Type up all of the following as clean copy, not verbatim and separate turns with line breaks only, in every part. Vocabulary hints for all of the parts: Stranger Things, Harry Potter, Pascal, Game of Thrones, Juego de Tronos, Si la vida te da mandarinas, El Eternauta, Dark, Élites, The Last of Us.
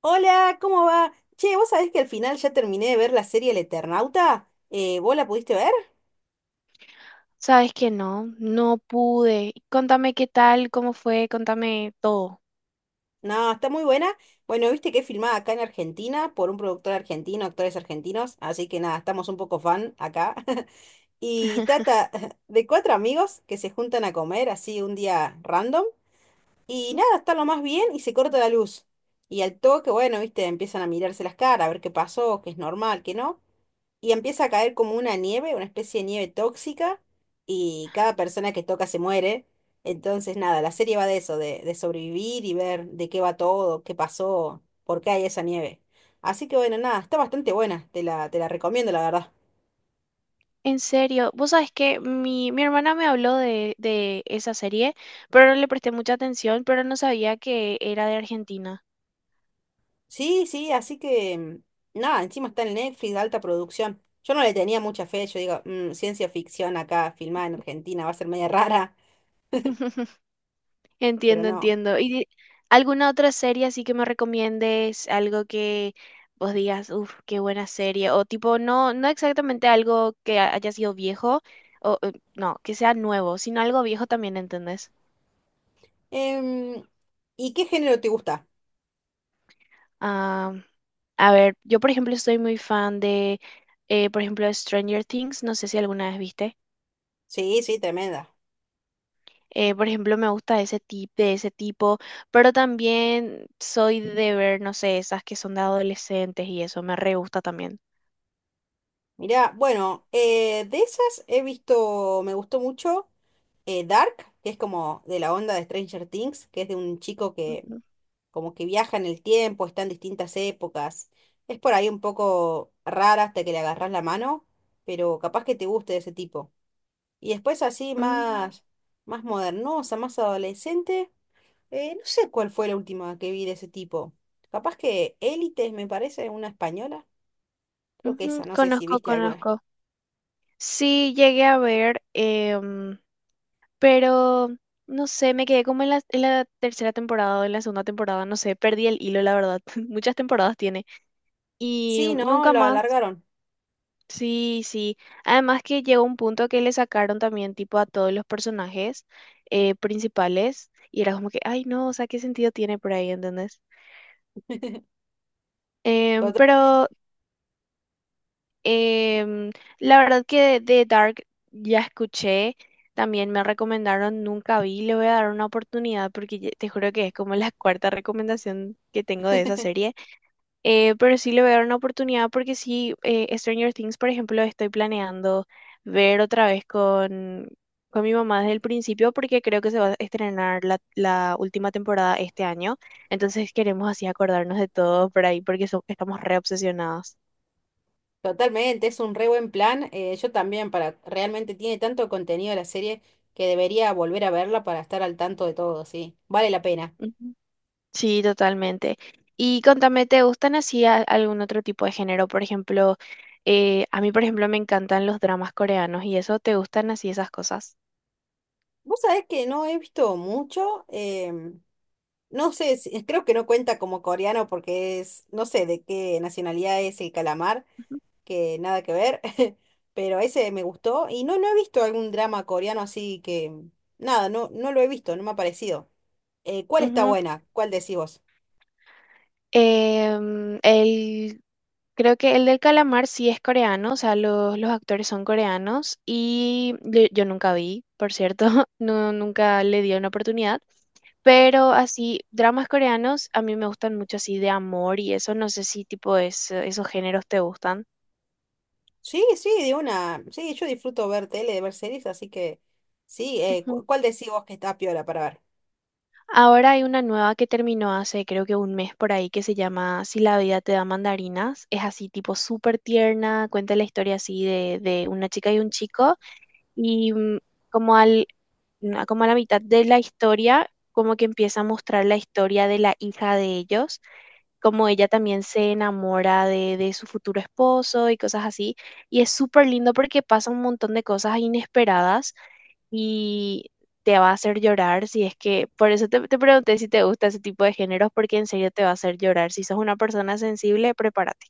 Hola, ¿cómo va? Che, ¿vos sabés que al final ya terminé de ver la serie El Eternauta? ¿Vos la pudiste ver?
Sabes que no, no pude. Contame qué tal, cómo fue, contame todo.
No, está muy buena. Bueno, viste que es filmada acá en Argentina por un productor argentino, actores argentinos, así que nada, estamos un poco fan acá. Y trata de cuatro amigos que se juntan a comer así un día random y
Ujú.
nada, está lo más bien y se corta la luz. Y al toque, bueno, viste, empiezan a mirarse las caras, a ver qué pasó, qué es normal, qué no. Y empieza a caer como una nieve, una especie de nieve tóxica, y cada persona que toca se muere. Entonces, nada, la serie va de eso, de sobrevivir y ver de qué va todo, qué pasó, por qué hay esa nieve. Así que bueno, nada, está bastante buena, te la recomiendo, la verdad.
En serio, vos sabes que mi hermana me habló de esa serie, pero no le presté mucha atención. Pero no sabía que era de Argentina.
Sí, sí, así que mm, nada, encima está en Netflix, de alta producción. Yo no le tenía mucha fe, yo digo, "Mm, ciencia ficción acá, filmada en Argentina, va a ser media rara, pero
Entiendo,
no."
entiendo. ¿Alguna otra serie así que me recomiendes? Algo que vos digas, uff, qué buena serie. O tipo, no, no exactamente algo que haya sido viejo, o no, que sea nuevo, sino algo viejo también, ¿entendés?
Em, ¿Y qué género te gusta?
Ah, a ver, yo por ejemplo soy muy fan de, por ejemplo, Stranger Things, no sé si alguna vez viste.
Sí, sí, tremenda.
Por ejemplo, me gusta ese tipo, pero también soy de ver, no sé, esas que son de adolescentes y eso me re gusta también.
Mirá, bueno, de esas he visto, me gustó mucho Dark, que es como de la onda de Stranger Things, que es de un chico que
Ujú.
como que viaja en el tiempo, está en distintas épocas. Es por ahí un poco rara hasta que le agarras la mano, pero capaz que te guste de ese tipo. Y después así
Mm,
más, más modernosa, más adolescente, no sé cuál fue la última que vi de ese tipo. Capaz que Élites, me parece, una española. Creo que
ujú.
esa, no sé si
Conozco,
viste alguna.
conozco. Sí, llegué a ver, pero no sé, me quedé como en en la tercera temporada o en la segunda temporada, no sé, perdí el hilo, la verdad. Muchas temporadas tiene. Y
Sí, no,
nunca
lo
más.
alargaron.
Sí, sí. Además que llegó un punto que le sacaron también tipo a todos los personajes principales, y era como que, ay no, o sea, ¿qué sentido tiene por ahí, ¿entendés? Em,
Totalmente,
pero em, la verdad que de Dark ya escuché, también me recomendaron, nunca vi, le voy a dar una oportunidad porque te juro que es como la cuarta recomendación que tengo de esa serie. Pero sí le voy a dar una oportunidad porque sí. Eh, Stranger Things, por ejemplo, estoy planeando ver otra vez con mi mamá desde el principio, porque creo que se va a estrenar la última temporada este año. Entonces queremos así acordarnos de todo por ahí, porque estamos re obsesionados.
totalmente, es un re buen plan. Eh, yo también, para realmente tiene tanto contenido la serie que debería volver a verla para estar al tanto de todo, sí. Vale la pena.
Ujú. Sí, totalmente. Y contame, ¿te gustan así algún otro tipo de género? Por ejemplo, a mí, por ejemplo, me encantan los dramas coreanos y eso. ¿Te gustan así esas cosas?
Vos sabés que no he visto mucho, no sé, creo que no cuenta como coreano porque es, no sé de qué nacionalidad es el calamar, que nada que ver, pero ese me gustó y no, no he visto algún drama coreano así que, nada, no, no lo he visto, no me ha parecido. ¿Cuál está
Ujú.
buena? ¿Cuál decís vos?
Em, el, creo que el del calamar sí es coreano, o sea, los actores son coreanos, y yo nunca vi, por cierto, no, nunca le di una oportunidad, pero así, dramas coreanos a mí me gustan mucho así de amor y eso, no sé si esos géneros te gustan.
Sí, sí, de una. Sí, yo disfruto ver tele, ver series, así que sí,
Ujú.
¿cuál decís vos que está piola para ver?
Ahora hay una nueva que terminó hace creo que un mes por ahí, que se llama Si la Vida te da Mandarinas. Es así tipo súper tierna, cuenta la historia así de una chica y un chico y como al, como a la mitad de la historia, como que empieza a mostrar la historia de la hija de ellos, como ella también se enamora de su futuro esposo y cosas así. Y es súper lindo porque pasa un montón de cosas inesperadas y te va a hacer llorar si es que, por eso te, te pregunté si te gusta ese tipo de géneros, porque en serio te va a hacer llorar. Si sos una persona sensible, prepárate.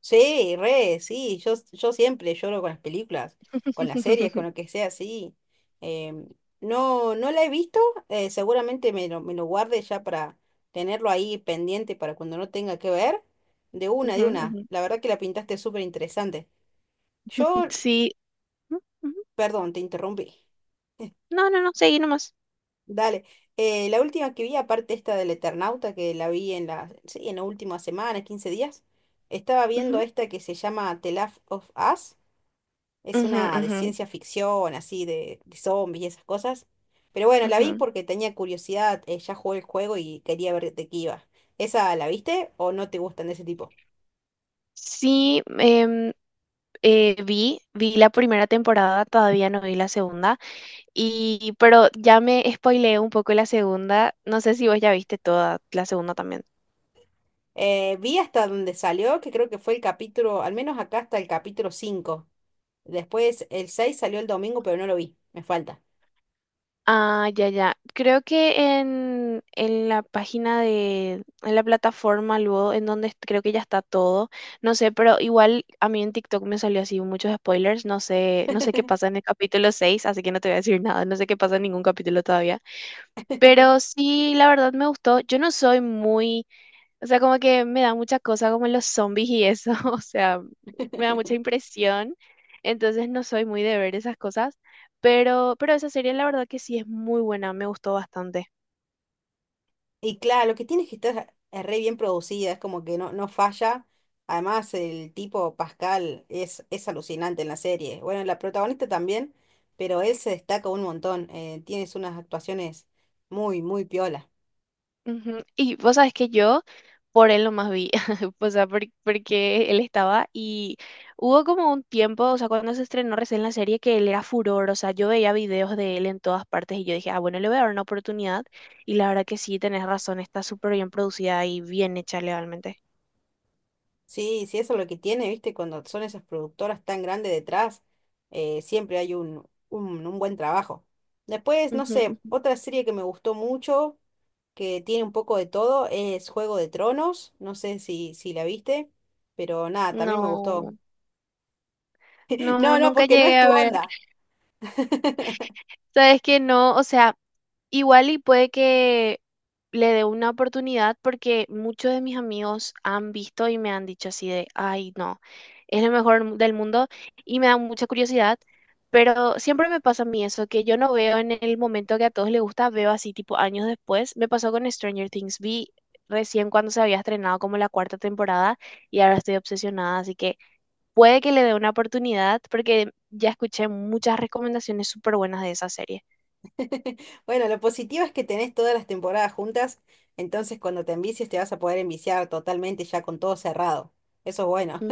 Sí, re, sí, yo siempre lloro con las películas, con las series, con lo que sea, sí. Em, no, no la he visto, seguramente me lo guarde ya para tenerlo ahí pendiente para cuando no tenga que ver. De una,
Ujú,
de una.
ujú.
La verdad que la pintaste súper interesante. Yo,
Sí. Ujú, ujú.
perdón, te interrumpí.
No, no, no, seguí nomás.
Dale. La última que vi, aparte esta del Eternauta, que la vi en la, sí, en la última semana, 15 días, estaba viendo
Ujú,
esta que se llama The Last of Us. Es
ujú,
una de
ujú.
ciencia ficción, así, de zombies y esas cosas. Pero bueno, la vi
Ujú.
porque tenía curiosidad, ya jugué el juego y quería ver de qué iba. ¿Esa la viste o no te gustan de ese tipo?
Sí, vi, vi la primera temporada, todavía no vi la segunda, y pero ya me spoileé un poco la segunda, no sé si vos ya viste toda la segunda también.
Vi hasta donde salió, que creo que fue el capítulo, al menos acá hasta el capítulo 5. Después el 6 salió el domingo, pero no lo vi, me falta.
Ah, ya, ya. Creo que en la página de, en la plataforma luego, en donde creo que ya está todo, no sé, pero igual a mí en TikTok me salió así muchos spoilers, no sé, no sé qué pasa en el capítulo 6. Así que no te voy a decir nada, no sé qué pasa en ningún capítulo todavía. Pero sí, la verdad me gustó. Yo no soy muy, o sea, como que me da mucha cosa como los zombies y eso, o sea, me da mucha impresión. Entonces no soy muy de ver esas cosas, pero esa serie la verdad que sí es muy buena, me gustó bastante.
Y claro, lo que tiene es que estar re bien producida, es como que no, no falla. Además, el tipo Pascal es alucinante en la serie. Bueno, la protagonista también, pero él se destaca un montón. Eh, tienes unas actuaciones muy, muy piola.
Ujú. Y vos sabes que yo por él nomás vi, o sea, porque él estaba. Y hubo como un tiempo, o sea, cuando se estrenó recién la serie, que él era furor, o sea, yo veía videos de él en todas partes y yo dije, ah, bueno, le voy a dar una oportunidad. Y la verdad que sí, tenés razón, está súper bien producida y bien hecha legalmente.
Sí, sí, eso es lo que tiene, ¿viste? Cuando son esas productoras tan grandes detrás, siempre hay un buen trabajo. Después, no
Ujú.
sé,
Ujú.
otra serie que me gustó mucho. Que tiene un poco de todo, es Juego de Tronos, no sé si la viste, pero nada, también me gustó.
No, no,
No, no,
nunca
porque no es
llegué a
tu
ver.
onda.
Sabes que no, o sea, igual y puede que le dé una oportunidad, porque muchos de mis amigos han visto y me han dicho así de, ay, no, es lo mejor del mundo, y me da mucha curiosidad. Pero siempre me pasa a mí eso, que yo no veo en el momento que a todos les gusta, veo así tipo años después. Me pasó con Stranger Things, vi recién cuando se había estrenado como la cuarta temporada, y ahora estoy obsesionada, así que puede que le dé una oportunidad porque ya escuché muchas recomendaciones súper buenas de esa serie.
Bueno, lo positivo es que tenés todas las temporadas juntas, entonces cuando te envicies te vas a poder enviciar totalmente ya con todo cerrado. Eso es bueno.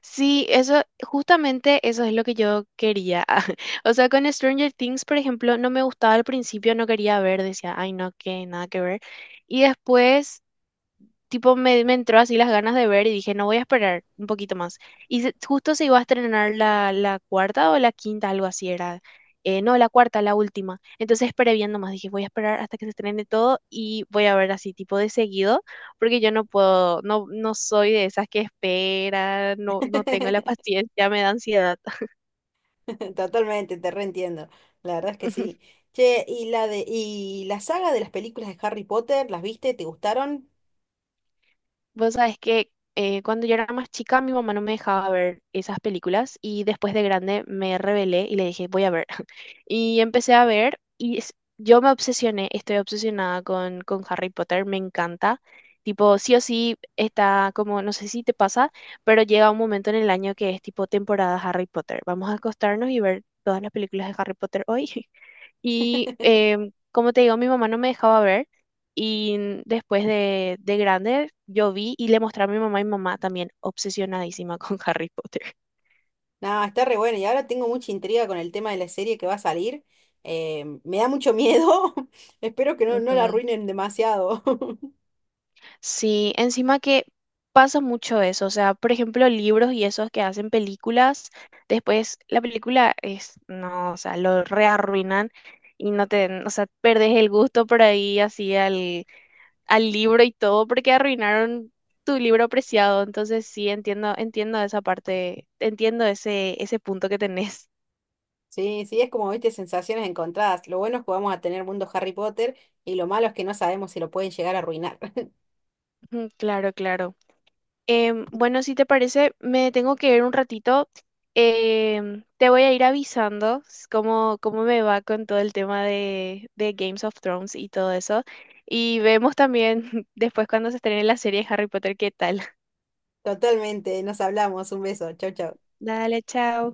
Sí, eso, justamente eso es lo que yo quería. O sea, con Stranger Things, por ejemplo, no me gustaba al principio, no quería ver, decía, ay, no, que nada que ver. Y después tipo me entró así las ganas de ver y dije, no, voy a esperar un poquito más. Justo se iba a estrenar la cuarta o la quinta, algo así era. No, la cuarta, la última. Entonces esperé viendo más, dije, voy a esperar hasta que se estrene todo y voy a ver así tipo de seguido, porque yo no puedo, no, no soy de esas que esperan, no, no tengo la paciencia, me da ansiedad.
Totalmente, te reentiendo. La verdad es que sí. Che, y la saga de las películas de Harry Potter, ¿las viste? ¿Te gustaron?
Vos sabés que cuando yo era más chica, mi mamá no me dejaba ver esas películas, y después de grande me rebelé y le dije, voy a ver. Y empecé a ver y yo me obsesioné, estoy obsesionada con Harry Potter, me encanta. Tipo, sí o sí está como, no sé si te pasa, pero llega un momento en el año que es tipo temporada Harry Potter. Vamos a acostarnos y ver todas las películas de Harry Potter hoy. Y como te digo, mi mamá no me dejaba ver. Y después de grande, yo vi y le mostré a mi mamá, y mi mamá también obsesionadísima con Harry Potter.
No, está re bueno. Y ahora tengo mucha intriga con el tema de la serie que va a salir. Me da mucho miedo. Espero que no, no la
Ujú.
arruinen demasiado.
Sí, encima que pasa mucho eso, o sea, por ejemplo, libros y esos que hacen películas, después la película es, no, o sea, lo rearruinan, y no te, o sea, perdés el gusto por ahí así al, al libro y todo porque arruinaron tu libro preciado. Entonces sí, entiendo, entiendo esa parte, entiendo ese, ese punto que tenés.
Sí, sí, es como, viste, sensaciones encontradas. Lo bueno es que vamos a tener mundo Harry Potter y lo malo es que no sabemos si lo pueden llegar a arruinar.
Ujú, claro, claro. Bueno, si te parece, me tengo que ir un ratito. Em, te voy a ir avisando cómo, cómo me va con todo el tema de Games of Thrones y todo eso. Y vemos también después cuando se estrene la serie de Harry Potter, qué tal.
Totalmente, nos hablamos. Un beso. Chau, chau.
Dale, chao.